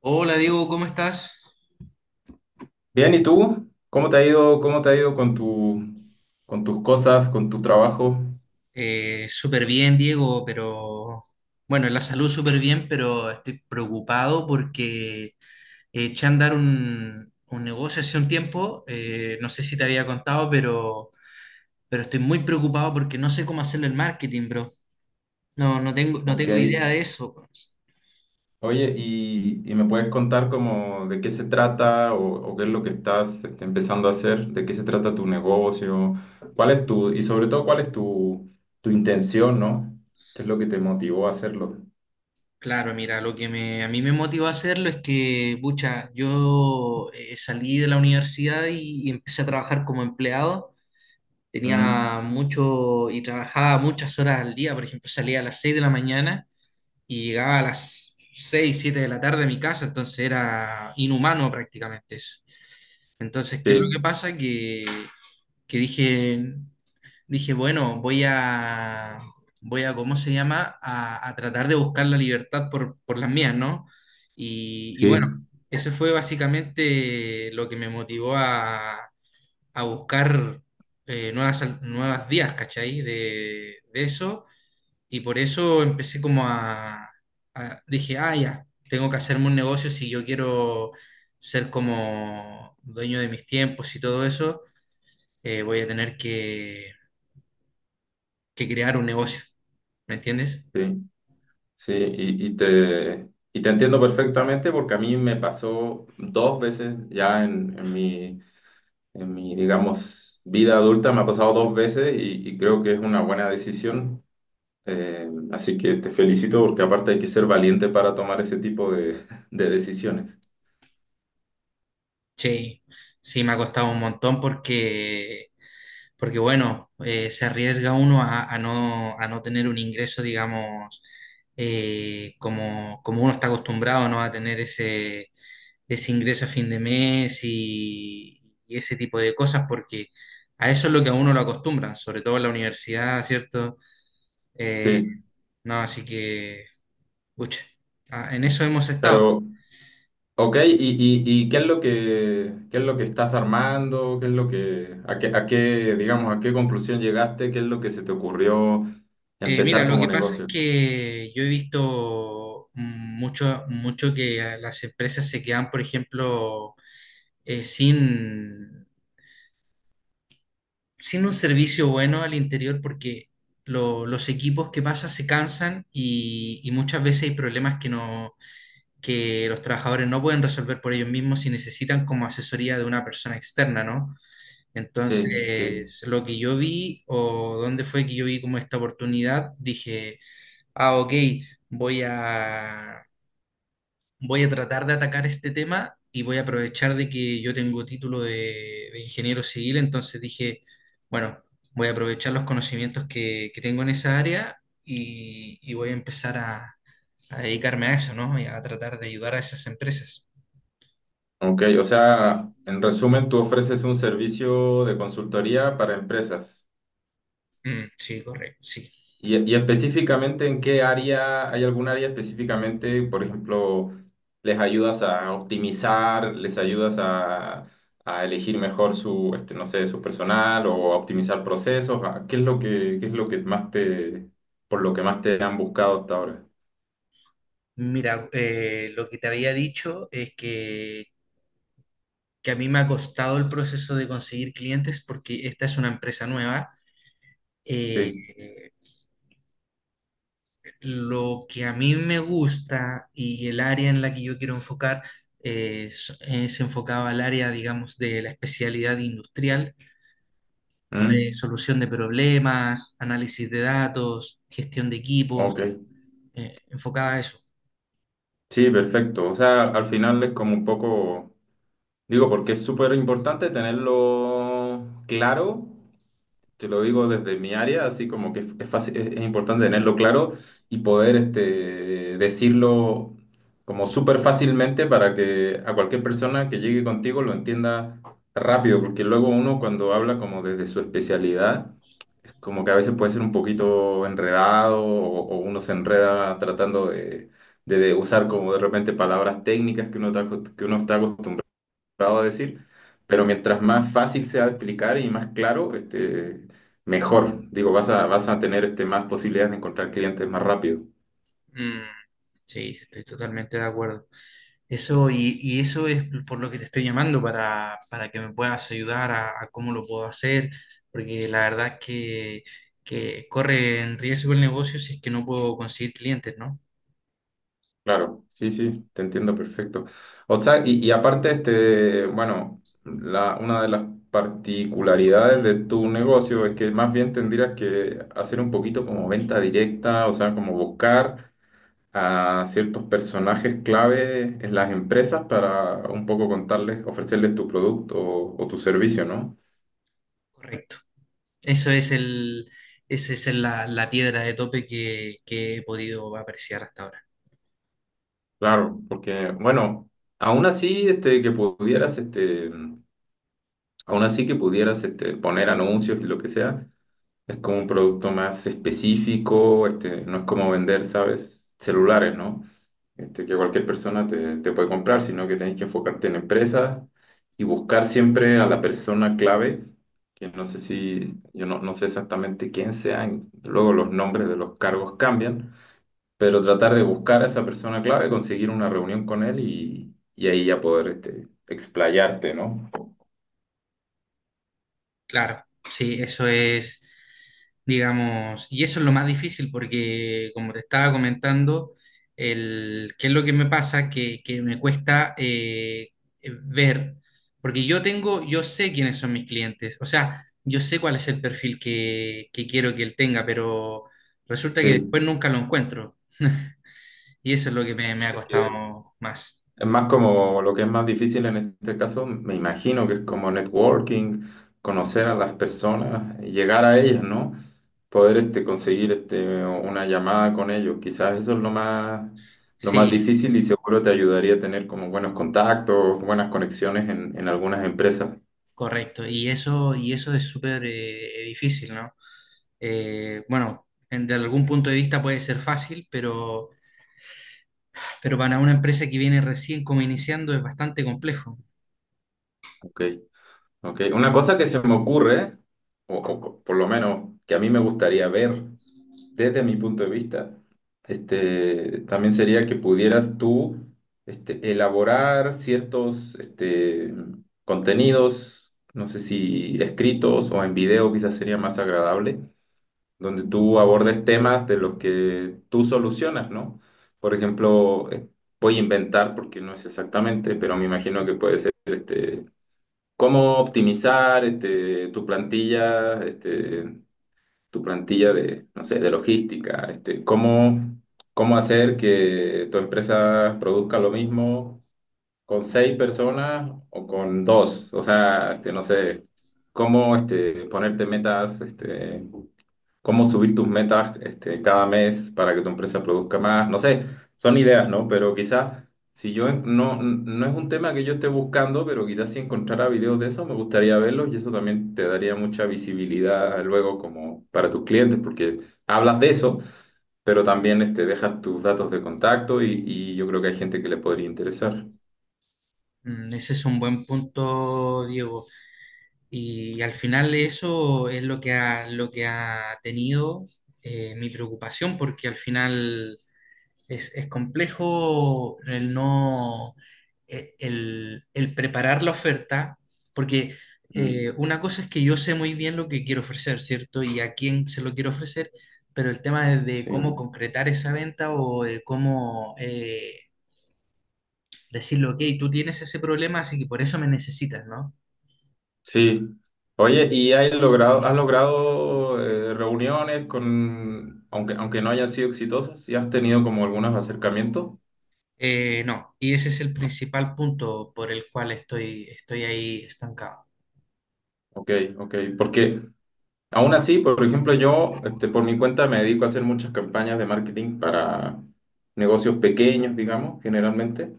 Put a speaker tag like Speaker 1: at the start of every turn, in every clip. Speaker 1: Hola Diego, ¿cómo estás?
Speaker 2: Bien, ¿y tú? ¿Cómo te ha ido, cómo te ha ido con tus cosas, con tu trabajo?
Speaker 1: Súper bien, Diego, pero bueno, en la salud súper bien, pero estoy preocupado porque eché a andar un negocio hace un tiempo, no sé si te había contado, pero estoy muy preocupado porque no sé cómo hacerle el marketing, bro. No, no
Speaker 2: Ok.
Speaker 1: tengo idea de eso.
Speaker 2: Oye, ¿y me puedes contar como de qué se trata o qué es lo que estás este, empezando a hacer? ¿De qué se trata tu negocio? ¿Cuál es tu, y sobre todo, cuál es tu, tu intención, ¿no? ¿Qué es lo que te motivó a hacerlo?
Speaker 1: Claro, mira, lo que me, a mí me motivó a hacerlo es que, pucha, yo salí de la universidad y empecé a trabajar como empleado. Tenía
Speaker 2: Mm.
Speaker 1: mucho y trabajaba muchas horas al día, por ejemplo, salía a las 6 de la mañana y llegaba a las 6 7 de la tarde a mi casa, entonces era inhumano prácticamente eso. Entonces, ¿qué es lo que
Speaker 2: Sí.
Speaker 1: pasa? Que dije, bueno, voy a, ¿cómo se llama? A tratar de buscar la libertad por las mías, ¿no? Y
Speaker 2: Sí.
Speaker 1: bueno, eso fue básicamente lo que me motivó a buscar nuevas vías, ¿cachai? De eso. Y por eso empecé como dije, ah, ya, tengo que hacerme un negocio si yo quiero ser como dueño de mis tiempos y todo eso, voy a tener que crear un negocio, ¿me entiendes?
Speaker 2: Sí, sí, y te entiendo perfectamente porque a mí me pasó dos veces ya en mi, en mi, digamos, vida adulta me ha pasado dos veces y creo que es una buena decisión. Así que te felicito porque aparte hay que ser valiente para tomar ese tipo de, de decisiones.
Speaker 1: Sí, sí, me ha costado un montón porque, porque bueno, se arriesga uno a no, a no tener un ingreso, digamos, como, como uno está acostumbrado, ¿no? A tener ese, ese ingreso a fin de mes y ese tipo de cosas, porque a eso es lo que a uno lo acostumbran, sobre todo en la universidad, ¿cierto? Eh,
Speaker 2: Sí,
Speaker 1: no, así que, pucha, ah, en eso hemos estado.
Speaker 2: pero, ok, y qué es lo que, qué es lo que estás armando? ¿Qué es lo que, a qué, digamos, a qué conclusión llegaste? ¿Qué es lo que se te ocurrió
Speaker 1: Mira,
Speaker 2: empezar
Speaker 1: lo
Speaker 2: como
Speaker 1: que pasa es
Speaker 2: negocio?
Speaker 1: que yo he visto mucho, mucho que las empresas se quedan, por ejemplo, eh, sin, sin un servicio bueno al interior porque los equipos que pasan se cansan y muchas veces hay problemas que los trabajadores no pueden resolver por ellos mismos y necesitan como asesoría de una persona externa, ¿no?
Speaker 2: Sí, sí.
Speaker 1: Entonces, lo que yo vi o dónde fue que yo vi como esta oportunidad, dije... Ah, ok, voy a, voy a tratar de atacar este tema y voy a aprovechar de que yo tengo título de ingeniero civil, entonces dije, bueno, voy a aprovechar los conocimientos que tengo en esa área y voy a empezar a dedicarme a eso, ¿no? Y a tratar de ayudar a esas empresas.
Speaker 2: Ok, o sea, en resumen, tú ofreces un servicio de consultoría para empresas.
Speaker 1: Mm, sí, correcto, sí.
Speaker 2: Y específicamente en qué área, ¿hay algún área específicamente? Por ejemplo, les ayudas a optimizar, les ayudas a elegir mejor su, este, no sé, su personal o a optimizar procesos. Qué es lo que, qué es lo que más te, por lo que más te han buscado hasta ahora?
Speaker 1: Mira, lo que te había dicho es que a mí me ha costado el proceso de conseguir clientes porque esta es una empresa nueva. eh,
Speaker 2: Sí.
Speaker 1: Lo que a mí me gusta y el área en la que yo quiero enfocar es enfocado al área, digamos, de la especialidad industrial,
Speaker 2: Mm,
Speaker 1: resolución de problemas, análisis de datos, gestión de equipos,
Speaker 2: ok.
Speaker 1: enfocada a eso.
Speaker 2: Sí, perfecto. O sea, al final es como un poco, digo, porque es súper importante tenerlo claro. Te lo digo desde mi área, así como que es fácil, es importante tenerlo claro y poder este, decirlo como súper fácilmente para que a cualquier persona que llegue contigo lo entienda rápido, porque luego uno cuando habla como desde su especialidad, es como que a veces puede ser un poquito enredado o uno se enreda tratando de, de usar como de repente palabras técnicas que uno está, que uno está acostumbrado a decir, pero mientras más fácil sea de explicar y más claro, este, mejor. Digo, vas a tener este, más posibilidades de encontrar clientes más rápido.
Speaker 1: Mm, sí, estoy totalmente de acuerdo. Eso, y eso es por lo que te estoy llamando, para que me puedas ayudar a cómo lo puedo hacer, porque la verdad que corre en riesgo el negocio si es que no puedo conseguir clientes, ¿no?
Speaker 2: Claro, sí, sí, te entiendo perfecto. O sea, y aparte, este, bueno, la, una de las particularidades de tu negocio es que más bien tendrías que hacer un poquito como venta directa, o sea, como buscar a ciertos personajes clave en las empresas para un poco contarles, ofrecerles tu producto o tu servicio, ¿no?
Speaker 1: Correcto. Eso es el, esa es la, la piedra de tope que he podido apreciar hasta ahora.
Speaker 2: Claro, porque, bueno, aún así este, que pudieras, este, aún así que pudieras este, poner anuncios y lo que sea. Es como un producto más específico, este, no es como vender, ¿sabes? Celulares, ¿no? Este, que cualquier persona te, te puede comprar, sino que tenés que enfocarte en empresas y buscar siempre a la persona clave, que no sé si, yo no, no sé exactamente quién sean, luego los nombres de los cargos cambian, pero tratar de buscar a esa persona clave, conseguir una reunión con él y ahí ya poder este, explayarte, ¿no?
Speaker 1: Claro, sí, eso es, digamos, y eso es lo más difícil porque, como te estaba comentando, el, qué es lo que me pasa, que me cuesta ver, porque yo tengo, yo sé quiénes son mis clientes, o sea, yo sé cuál es el perfil que quiero que él tenga, pero resulta que después
Speaker 2: Sí,
Speaker 1: nunca lo encuentro. Y eso es lo que me
Speaker 2: sí.
Speaker 1: ha costado más.
Speaker 2: Es más como lo que es más difícil en este caso, me imagino que es como networking, conocer a las personas, llegar a ellas, ¿no? Poder este, conseguir este, una llamada con ellos. Quizás eso es lo más
Speaker 1: Sí,
Speaker 2: difícil y seguro te ayudaría a tener como buenos contactos, buenas conexiones en algunas empresas.
Speaker 1: correcto, y eso es súper difícil, ¿no? Bueno, de algún punto de vista puede ser fácil, pero para una empresa que viene recién como iniciando es bastante complejo.
Speaker 2: Ok, ok. Una cosa que se me ocurre, o por lo menos que a mí me gustaría ver desde mi punto de vista, este, también sería que pudieras tú este, elaborar ciertos este, contenidos, no sé si escritos o en video quizás sería más agradable, donde tú abordes temas de los que tú solucionas, ¿no? Por ejemplo, voy a inventar porque no es exactamente, pero me imagino que puede ser este, cómo optimizar este, tu plantilla de, no sé, de logística, este, cómo, cómo hacer que tu empresa produzca lo mismo con seis personas o con dos, o sea, este, no sé, cómo este, ponerte metas este, cómo subir tus metas este, cada mes para que tu empresa produzca más. No sé, son ideas, ¿no? Pero quizás, si yo no, no es un tema que yo esté buscando, pero quizás si encontrara videos de eso, me gustaría verlos y eso también te daría mucha visibilidad luego como para tus clientes, porque hablas de eso, pero también este, dejas tus datos de contacto y yo creo que hay gente que le podría interesar.
Speaker 1: Mm, ese es un buen punto, Diego. Y al final eso es lo que ha tenido mi preocupación, porque al final es complejo el no, el preparar la oferta, porque
Speaker 2: Mm.
Speaker 1: una cosa es que yo sé muy bien lo que quiero ofrecer, ¿cierto? Y a quién se lo quiero ofrecer, pero el tema es de
Speaker 2: Sí.
Speaker 1: cómo concretar esa venta o de cómo decirle, ok, tú tienes ese problema, así que por eso me necesitas, ¿no?
Speaker 2: Sí. Oye, ¿y has logrado reuniones con, aunque, aunque no hayan sido exitosas, y has tenido como algunos acercamientos?
Speaker 1: No, y ese es el principal punto por el cual estoy, estoy ahí estancado.
Speaker 2: Ok, ok. Porque aún así, por ejemplo, yo este, por mi cuenta me dedico a hacer muchas campañas de marketing para negocios pequeños, digamos, generalmente.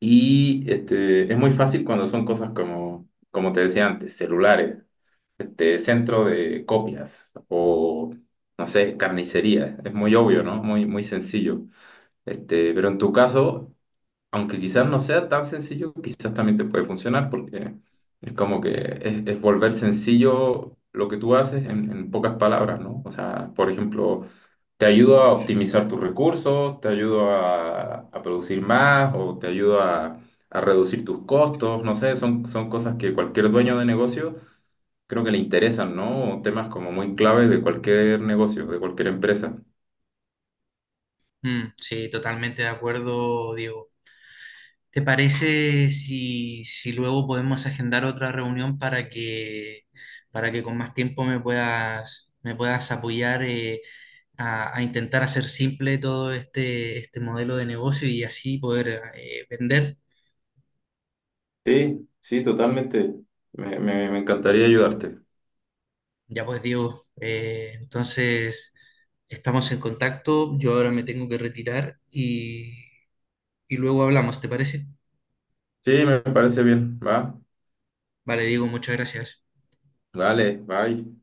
Speaker 2: Y este, es muy fácil cuando son cosas como, como te decía antes, celulares. Este, centro de copias o, no sé, carnicería. Es muy obvio, ¿no? Muy, muy sencillo. Este, pero en tu caso, aunque quizás no sea tan sencillo, quizás también te puede funcionar porque es como que es volver sencillo lo que tú haces en pocas palabras, ¿no? O sea, por ejemplo, te ayudo a optimizar tus recursos, te ayudo a producir más o te ayudo a reducir tus costos, no sé, son, son cosas que cualquier dueño de negocio creo que le interesan, ¿no? Temas como muy claves de cualquier negocio, de cualquier empresa.
Speaker 1: Mm, sí, totalmente de acuerdo, Diego. ¿Te parece si, si luego podemos agendar otra reunión para que con más tiempo me puedas apoyar a intentar hacer simple todo este, este modelo de negocio y así poder vender?
Speaker 2: Sí, sí, totalmente. Me encantaría ayudarte.
Speaker 1: Ya pues Diego, entonces estamos en contacto, yo ahora me tengo que retirar y luego hablamos, ¿te parece?
Speaker 2: Sí, me parece bien. Va,
Speaker 1: Vale, Diego, muchas gracias.
Speaker 2: vale, bye.